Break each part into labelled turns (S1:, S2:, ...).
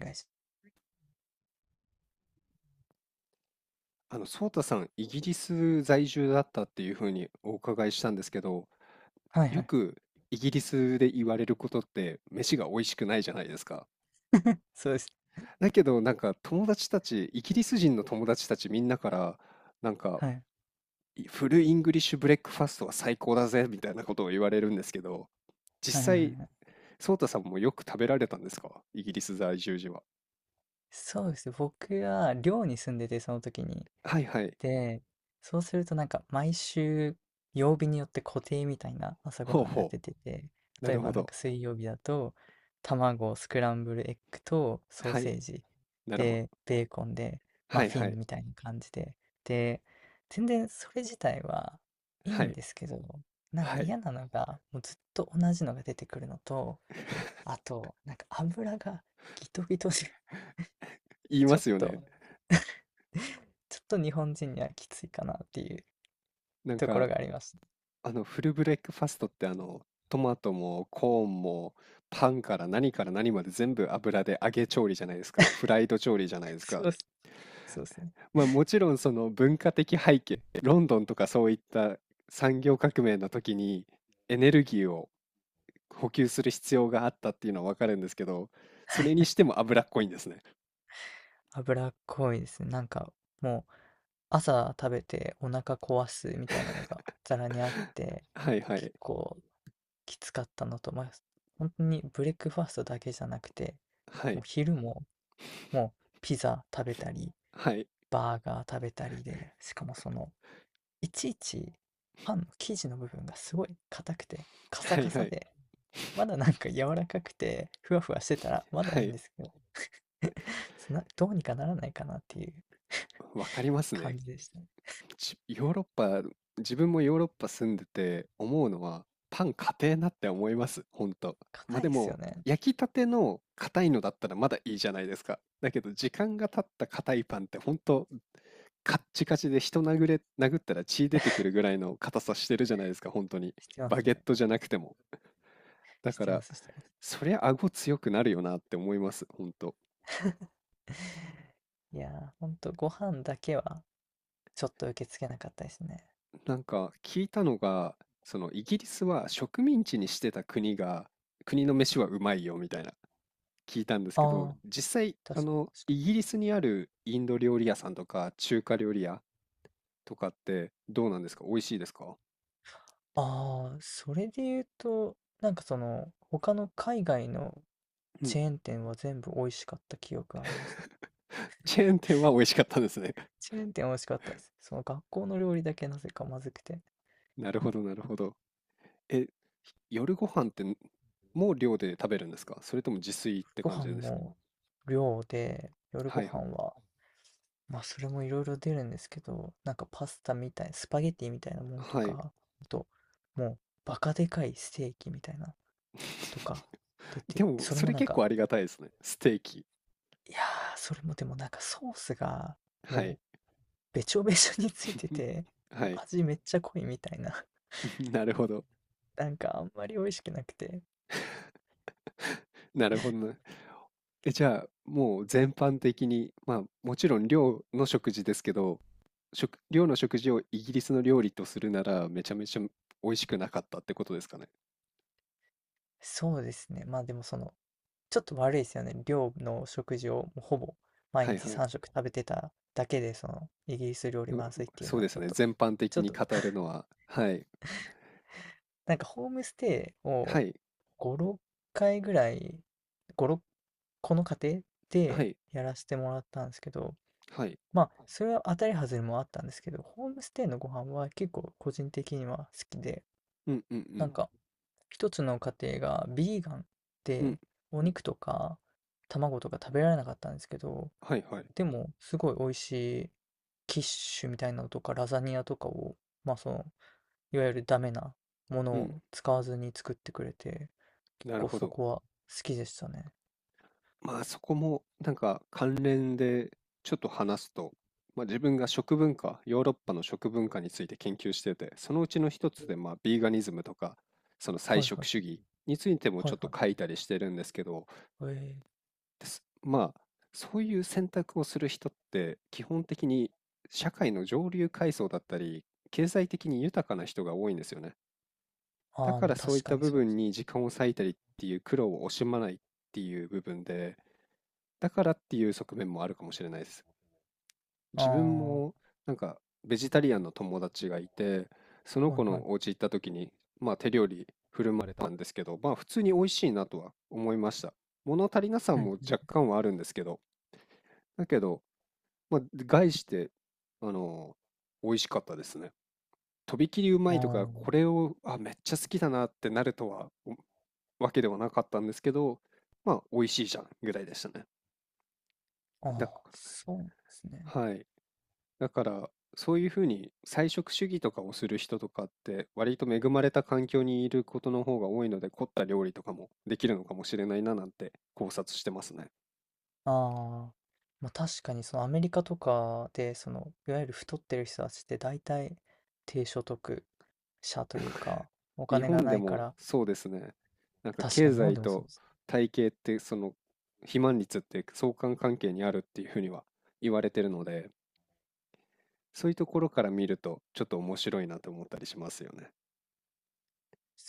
S1: お願いし
S2: ソータさん、イギリス在住だったっていうふうにお伺いしたんですけど、
S1: はいは
S2: よ
S1: い。
S2: くイギリスで言われることって、飯が美味しくないじゃないですか。
S1: そうです。
S2: だけど、なんか友達たち、イギリス人の友達たちみんなから、なんか、
S1: はい。
S2: いフルイングリッシュブレックファストは最高だぜ、みたいなことを言われるんですけど、
S1: はい
S2: 実
S1: はいはい
S2: 際、
S1: はい。
S2: ソータさんもよく食べられたんですかイギリス在住時は。
S1: そうですね、僕は寮に住んでて、その時に。
S2: はいはい。
S1: で、そうするとなんか毎週曜日によって固定みたいな朝ご
S2: ほう
S1: はんが
S2: ほ
S1: 出てて、
S2: う。な
S1: 例え
S2: るほ
S1: ばなん
S2: ど。
S1: か水曜日だと卵、スクランブルエッグとソー
S2: は
S1: セ
S2: い。
S1: ージ
S2: なるほ
S1: で、
S2: ど。
S1: ベーコンで
S2: は
S1: マ
S2: い
S1: フィ
S2: は
S1: ン
S2: い。
S1: みたいな感じで。で、全然それ自体はいい
S2: は
S1: ん
S2: い。
S1: ですけど、なんか
S2: はい。
S1: 嫌なのがもうずっと同じのが出てくるのと、あと、なんか油がギトギトで、
S2: 言い
S1: ち
S2: ま
S1: ょっ
S2: すよね。
S1: と、ちょっと日本人にはきついかなっていう
S2: なん
S1: ところ
S2: か、
S1: があります。
S2: フルブレックファストってトマトもコーンもパンから何から何まで全部油で揚げ調理じゃないですか。フライド調理じゃないで す
S1: そ
S2: か。
S1: うっす、そうですね。
S2: まあもちろんその文化的背景、ロンドンとかそういった産業革命の時にエネルギーを補給する必要があったっていうのはわかるんですけど、それにしても脂っこいんですね。
S1: 脂っこいですね。なんかもう朝食べてお腹壊すみたいなのがざらにあって、
S2: はいは
S1: 結
S2: い。
S1: 構きつかったのと、まあ、本当にブレックファーストだけじゃなくて、
S2: は
S1: もう
S2: い。
S1: 昼ももうピザ食べたり、
S2: はい。
S1: バーガー食べたりで、しかもそのいちいちパンの生地の部分がすごい硬くて、カサ
S2: は
S1: カ
S2: いは
S1: サ
S2: い。
S1: で、まだなんか柔らかくて、ふわふわしてたらまだ
S2: は
S1: いいん
S2: い。
S1: ですけど そんなどうにかならないかなっていう
S2: わかりますね。
S1: 感じでしたね。
S2: ヨーロッパ、自分もヨーロッパ住んでて思うのは、パン硬えなって思います、ほんと。まあ
S1: 硬い
S2: で
S1: ですよ
S2: も、
S1: ね。
S2: 焼きたての硬いのだったらまだいいじゃないですか。だけど、時間が経った硬いパンってほんと、カッチカチで人殴れ、殴ったら血出てくるぐらいの硬さしてるじゃないですか、本当に。
S1: してま
S2: バ
S1: す
S2: ゲッ
S1: ね。
S2: トじゃなくても。だ
S1: し
S2: か
S1: てま
S2: ら、
S1: す、してます。
S2: そりゃ顎強くなるよなって思います、本当。
S1: いやー、ほんとご飯だけはちょっと受け付けなかったですね。
S2: なんか聞いたのが、そのイギリスは植民地にしてた国が、国の飯はうまいよみたいな聞いたんですけど、
S1: ああ、
S2: 実際、
S1: 確かに確
S2: イ
S1: かに。
S2: ギリスにあるインド料理屋さんとか中華料理屋とかってどうなんですか美味しいですか
S1: ああ、それで言うと、なんかその、他の海外の
S2: うん。
S1: チェーン店は全部美味しかった記憶がありますね。
S2: チェーン店は美味しかったんですね。
S1: チェーン店美味しかったです。その学校の料理だけなぜかまずくて。
S2: なるほど、なるほど。え、夜ご飯ってもう寮で食べるんですかそれとも自炊って
S1: ご
S2: 感
S1: 飯
S2: じですか
S1: も量で、夜ご
S2: はいは
S1: 飯
S2: い。
S1: は、まあそれもいろいろ出るんですけど、なんかパスタみたい、スパゲティみたいなものと
S2: はい。
S1: か、あと、もうバカでかいステーキみたいなとか出 て、
S2: でも、
S1: それ
S2: そ
S1: も
S2: れ
S1: なん
S2: 結
S1: か、
S2: 構ありがたいですね。ステーキ。
S1: いやー、それもでもなんかソースが
S2: はい。
S1: もうべちょべちょについてて、
S2: はい。
S1: 味めっちゃ濃いみたいな、
S2: なるほど。
S1: なんかあんまり美味しくなくて。
S2: なるほどな。え、じゃあ、もう全般的に、まあ、もちろん寮の食事ですけど、寮の食事をイギリスの料理とするなら、めちゃめちゃ美味しくなかったってことですかね。
S1: そうですね。まあでもそのちょっと悪いですよね。寮の食事をもうほぼ毎
S2: はい
S1: 日
S2: はい。
S1: 3食食べてただけで、そのイギリス料理
S2: でも
S1: まずいっていう
S2: そ
S1: の
S2: う
S1: は
S2: です
S1: ちょっ
S2: ね。
S1: と、
S2: 全般
S1: ち
S2: 的
S1: ょっ
S2: に
S1: と、
S2: 語るのは、はい。
S1: なんかホームステイ
S2: は
S1: を
S2: い。
S1: 5、6回ぐらい、5、6この家庭
S2: は
S1: で
S2: い。
S1: やらせてもらったんですけど、
S2: はい。
S1: まあ、それは当たり外れもあったんですけど、ホームステイのご飯は結構個人的には好きで、
S2: うんうんう
S1: な
S2: ん。
S1: んか一つの家庭がビーガン
S2: うん。
S1: でお肉とか卵とか食べられなかったんですけど、
S2: はいはい。
S1: でも、すごい美味しいキッシュみたいなのとか、ラザニアとかを、まあその、いわゆるダメなもの
S2: うん。
S1: を使わずに作ってくれて、結
S2: なる
S1: 構
S2: ほ
S1: そ
S2: ど。
S1: こは好きでしたね。
S2: まあ、そこもなんか関連でちょっと話すと、まあ、自分が食文化、ヨーロッパの食文化について研究してて、そのうちの一つでまあビーガニズムとか、その菜
S1: はい
S2: 食
S1: は
S2: 主
S1: い。
S2: 義についても
S1: は
S2: ちょ
S1: い
S2: っと
S1: はい。
S2: 書いたりしてるんですけど、
S1: ええ、
S2: ですまあそういう選択をする人って基本的に社会の上流階層だったり、経済的に豊かな人が多いんですよね。だ
S1: ああ、
S2: か
S1: まあ
S2: らそうい
S1: 確
S2: っ
S1: か
S2: た
S1: に
S2: 部
S1: そうで
S2: 分
S1: す。
S2: に時間を割いたりっていう苦労を惜しまないっていう部分で、だからっていう側面もあるかもしれないです。
S1: あ
S2: 自分
S1: あ、は
S2: もなんかベジタリアンの友達がいて、その
S1: い
S2: 子
S1: はい。
S2: のお家行った時に、まあ手料理振る舞われたんですけど、まあ普通に美味しいなとは思いました。物足りなさ
S1: うん
S2: も若干はあるんですけど、だけど、まあ概して、あの、美味しかったですね。とびきりうま
S1: う
S2: いとか、
S1: ん。
S2: これを、あ、めっちゃ好きだなってなるとは、おわけではなかったんですけど、まあ美味しいじゃんぐらいでしたね。
S1: ああ、あ
S2: だか
S1: あ、そうなんですね。
S2: ら、はい。だから、そういうふうに菜食主義とかをする人とかって、割と恵まれた環境にいることの方が多いので、凝った料理とかもできるのかもしれないななんて考察してますね。
S1: ああ、まあ確かにそのアメリカとかで、その、いわゆる太ってる人たちって大体低所得者というか、お
S2: 日
S1: 金が
S2: 本で
S1: ないか
S2: も
S1: ら、
S2: そうですね。なんか
S1: 確か
S2: 経
S1: に日本
S2: 済
S1: でもそう
S2: と
S1: です。
S2: 体型って、その肥満率って相関関係にあるっていうふうには言われてるので、そういうところから見るとちょっと面白いなと思ったりしますよね。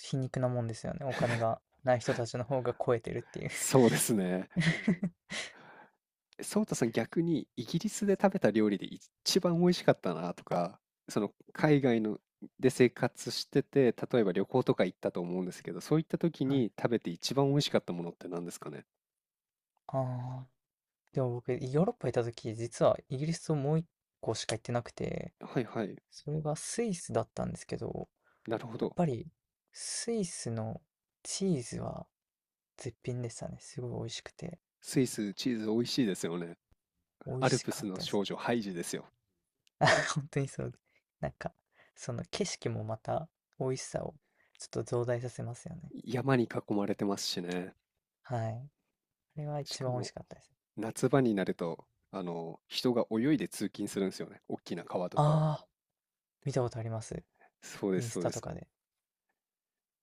S1: 皮肉なもんですよね。お金がない人たちの方が超えてるっていう。
S2: そうですね。ソウタさん、逆にイギリスで食べた料理で一番美味しかったなとか、その海外ので生活してて、例えば旅行とか行ったと思うんですけど、そういった時
S1: はい。
S2: に食べて一番美味しかったものって何ですかね。
S1: ああ。でも僕、ヨーロッパいた時、実はイギリスをもう一個しか行ってなくて、
S2: はいはい。
S1: それがスイスだったんですけど、
S2: なるほ
S1: やっ
S2: ど。
S1: ぱりスイスのチーズは絶品でしたね。すごい美味しくて、
S2: スイス、チーズ美味しいですよね。
S1: 美味
S2: アル
S1: し
S2: プ
S1: か
S2: ス
S1: っ
S2: の
S1: たです。
S2: 少女、ハイジですよ。
S1: 本当にそう。なんか、その景色もまた美味しさをちょっと増大させますよね。
S2: 山に囲まれてますしね。
S1: はい。あれは
S2: し
S1: 一
S2: か
S1: 番美味し
S2: も、
S1: かったです。
S2: 夏場になると、人が泳いで通勤するんですよね。大きな川とかを。
S1: ああ。見たことあります。
S2: そうで
S1: イン
S2: す、
S1: ス
S2: そう
S1: タ
S2: で
S1: と
S2: す。
S1: かで。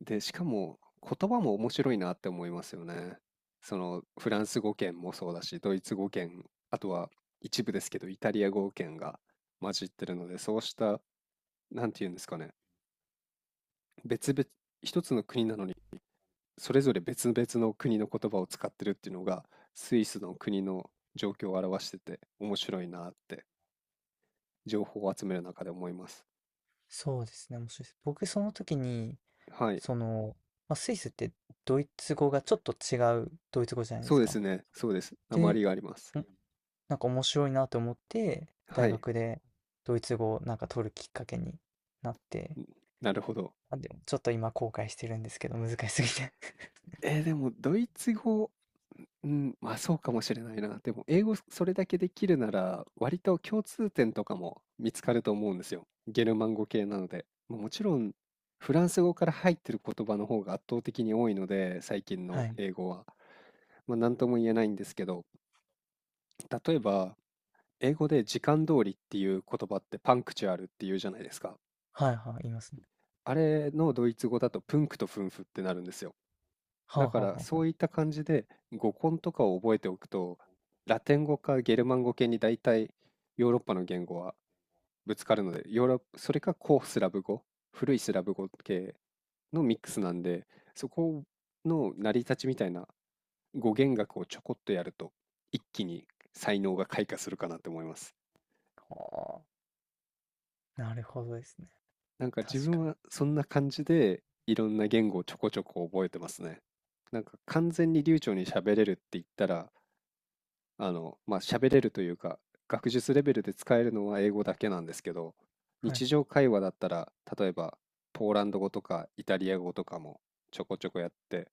S2: で、しかも言葉も面白いなって思いますよね。そのフランス語圏もそうだし、ドイツ語圏、あとは一部ですけど、イタリア語圏が混じってるので、そうした、なんていうんですかね、別々、一つの国なのに、それぞれ別々の国の言葉を使ってるっていうのが、スイスの国の状況を表してて、面白いなって、情報を集める中で思います。
S1: そうですね、面白いです。僕その時に、
S2: はい。
S1: その、まあ、スイスってドイツ語がちょっと違うドイツ語じゃないで
S2: そう
S1: す
S2: です
S1: か。
S2: ね。そうです。訛
S1: で、
S2: りがあります。
S1: おなんか面白いなと思って、
S2: は
S1: 大
S2: い。
S1: 学でドイツ語をなんか取るきっかけになって、
S2: んなるほど。
S1: あ、でもちょっと今後悔してるんですけど、難しすぎて
S2: えーでもドイツ語、うん、まあ、そうかもしれないな。でも英語それだけできるなら、割と共通点とかも見つかると思うんですよ。ゲルマン語系なので。ま、もちろんフランス語から入ってる言葉の方が圧倒的に多いので、最近
S1: は
S2: の
S1: い。
S2: 英語は。ま、なんとも言えないんですけど、例えば、英語で時間通りっていう言葉ってパンクチュアルっていうじゃないですか。
S1: はいはい、いますね。
S2: あれのドイツ語だとプンクとフンフってなるんですよ。
S1: はあ
S2: だか
S1: はあは
S2: ら
S1: あ
S2: そ
S1: は
S2: ういった感じで語根とかを覚えておくとラテン語かゲルマン語系に大体ヨーロッパの言語はぶつかるのでヨーロッそれか古いスラブ語系のミックスなんでそこの成り立ちみたいな語源学をちょこっとやると一気に才能が開花するかなって思います。
S1: あ。はあ、なるほどですね。
S2: なんか自
S1: 確か
S2: 分
S1: に。
S2: はそんな感じでいろんな言語をちょこちょこ覚えてますね。なんか完全に流暢に喋れるって言ったら喋れるというか、学術レベルで使えるのは英語だけなんですけど、
S1: はい。
S2: 日常会話だったら、例えば、ポーランド語とかイタリア語とかもちょこちょこやって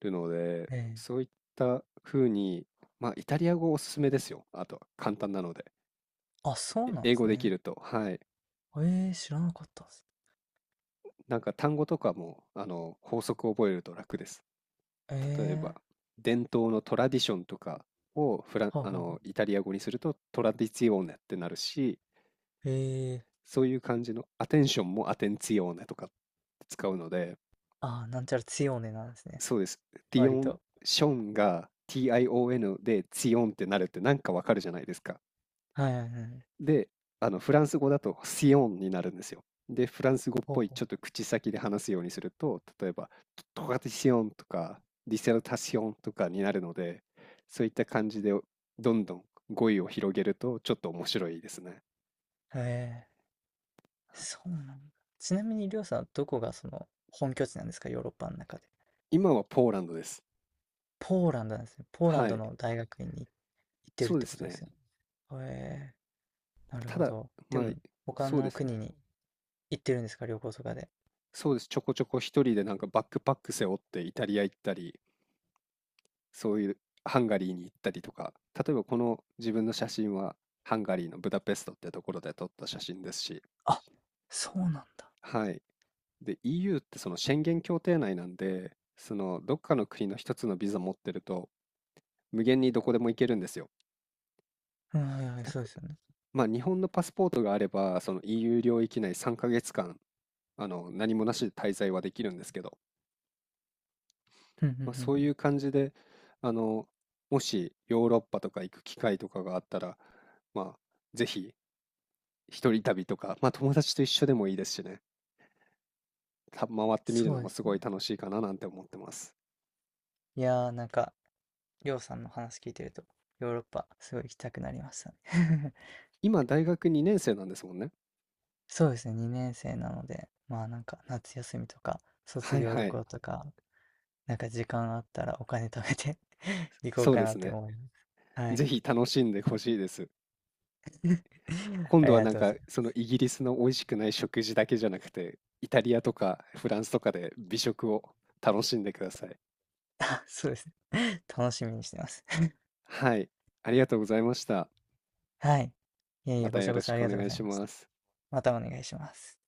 S2: るので、
S1: え
S2: そ
S1: え、
S2: ういった風に、まあ、イタリア語おすすめですよ。あと、簡単なので。
S1: あ、そう
S2: え
S1: なんで
S2: 英語
S1: す
S2: でき
S1: ね。
S2: ると、はい。
S1: ええ、知らなかったです。
S2: なんか単語とかも、法則を覚えると楽です。
S1: え
S2: 例えば、
S1: えー、
S2: 伝統のトラディションとかをフラン、
S1: はあ
S2: あ
S1: はあは
S2: の、イ
S1: あ。
S2: タリア語にするとトラディツィオーネってなるし、
S1: え、
S2: そういう感じのアテンションもアテンツィオーネとかって使うので、
S1: ああー、なんちゃら強ねなんですね、
S2: そうです。ティ
S1: 割
S2: オン
S1: と。
S2: ションが TION でツィオンってなるってなんかわかるじゃないですか。
S1: はいはいはい。
S2: で、あのフランス語だとシオンになるんですよ。で、フランス語っ
S1: ほう
S2: ぽい
S1: ほ
S2: ちょっと口先で話すようにすると、例えばトカティシオンとかディセルタシオンとかになるので、そういった感じでどんどん語彙を広げるとちょっと面白いですね。
S1: う。え、そうなんだ。ちなみにりょうさん、どこがその本拠地なんですか？ヨーロッパの中で。
S2: 今はポーランドです。
S1: ポーランドなんですね。ポーラン
S2: は
S1: ド
S2: い。
S1: の大学院に行ってるっ
S2: そう
S1: て
S2: で
S1: こ
S2: す
S1: とで
S2: ね。
S1: すよね。え、
S2: ま
S1: なる
S2: た
S1: ほ
S2: だ、
S1: ど。で
S2: まあ、
S1: も、他
S2: そうで
S1: の
S2: す
S1: 国
S2: ね。
S1: に行ってるんですか？旅行とかで。
S2: そうです。ちょこちょこ一人でなんかバックパック背負ってイタリア行ったり、そういうハンガリーに行ったりとか、例えばこの自分の写真はハンガリーのブダペストってところで撮った写真ですし、
S1: あ、そうなんだ。
S2: はい。で、EU ってその宣言協定内なんで、そのどっかの国の一つのビザ持ってると、無限にどこでも行けるんですよ。
S1: うん、はいはい、
S2: だか
S1: そうですよね。
S2: まあ、日本のパスポートがあれば、その EU 領域内3ヶ月間、何もなしで滞在はできるんですけど、
S1: うんうん
S2: まあ、
S1: うんう
S2: そうい
S1: ん。
S2: う感じで、あの、もしヨーロッパとか行く機会とかがあったら、まあ、ぜひ一人旅とか、まあ、友達と一緒でもいいですしね、た回ってみる
S1: そ
S2: の
S1: う
S2: も
S1: です
S2: すごい
S1: ね。
S2: 楽しいかななんて思ってます。
S1: いやー、なんかりょうさんの話聞いてると、ヨーロッパすごい行きたくなりましたね
S2: 今、大学2年生なんですもんね。
S1: そうですね、2年生なので、まあなんか夏休みとか、卒
S2: はい
S1: 業
S2: は
S1: 旅
S2: い。
S1: 行とか、なんか時間あったらお金貯めて 行こう
S2: そう
S1: か
S2: で
S1: なっ
S2: す
S1: て
S2: ね。
S1: 思います。は
S2: ぜ
S1: い
S2: ひ楽しんでほしいです。今
S1: あ
S2: 度
S1: り
S2: は
S1: が
S2: なん
S1: とうご
S2: か、
S1: ざいま
S2: その
S1: す。
S2: イギリスの美味しくない食事だけじゃなくて、イタリアとかフランスとかで美食を楽しんでください。
S1: あ、そうですね。楽しみにしてます。
S2: はい。ありがとうございました。
S1: はい。いえい
S2: ま
S1: え、
S2: た
S1: こち
S2: よ
S1: らこ
S2: ろし
S1: そあ
S2: く
S1: り
S2: お
S1: がとう
S2: 願
S1: ご
S2: い
S1: ざい
S2: し
S1: まし
S2: ま
S1: た。
S2: す。
S1: またお願いします。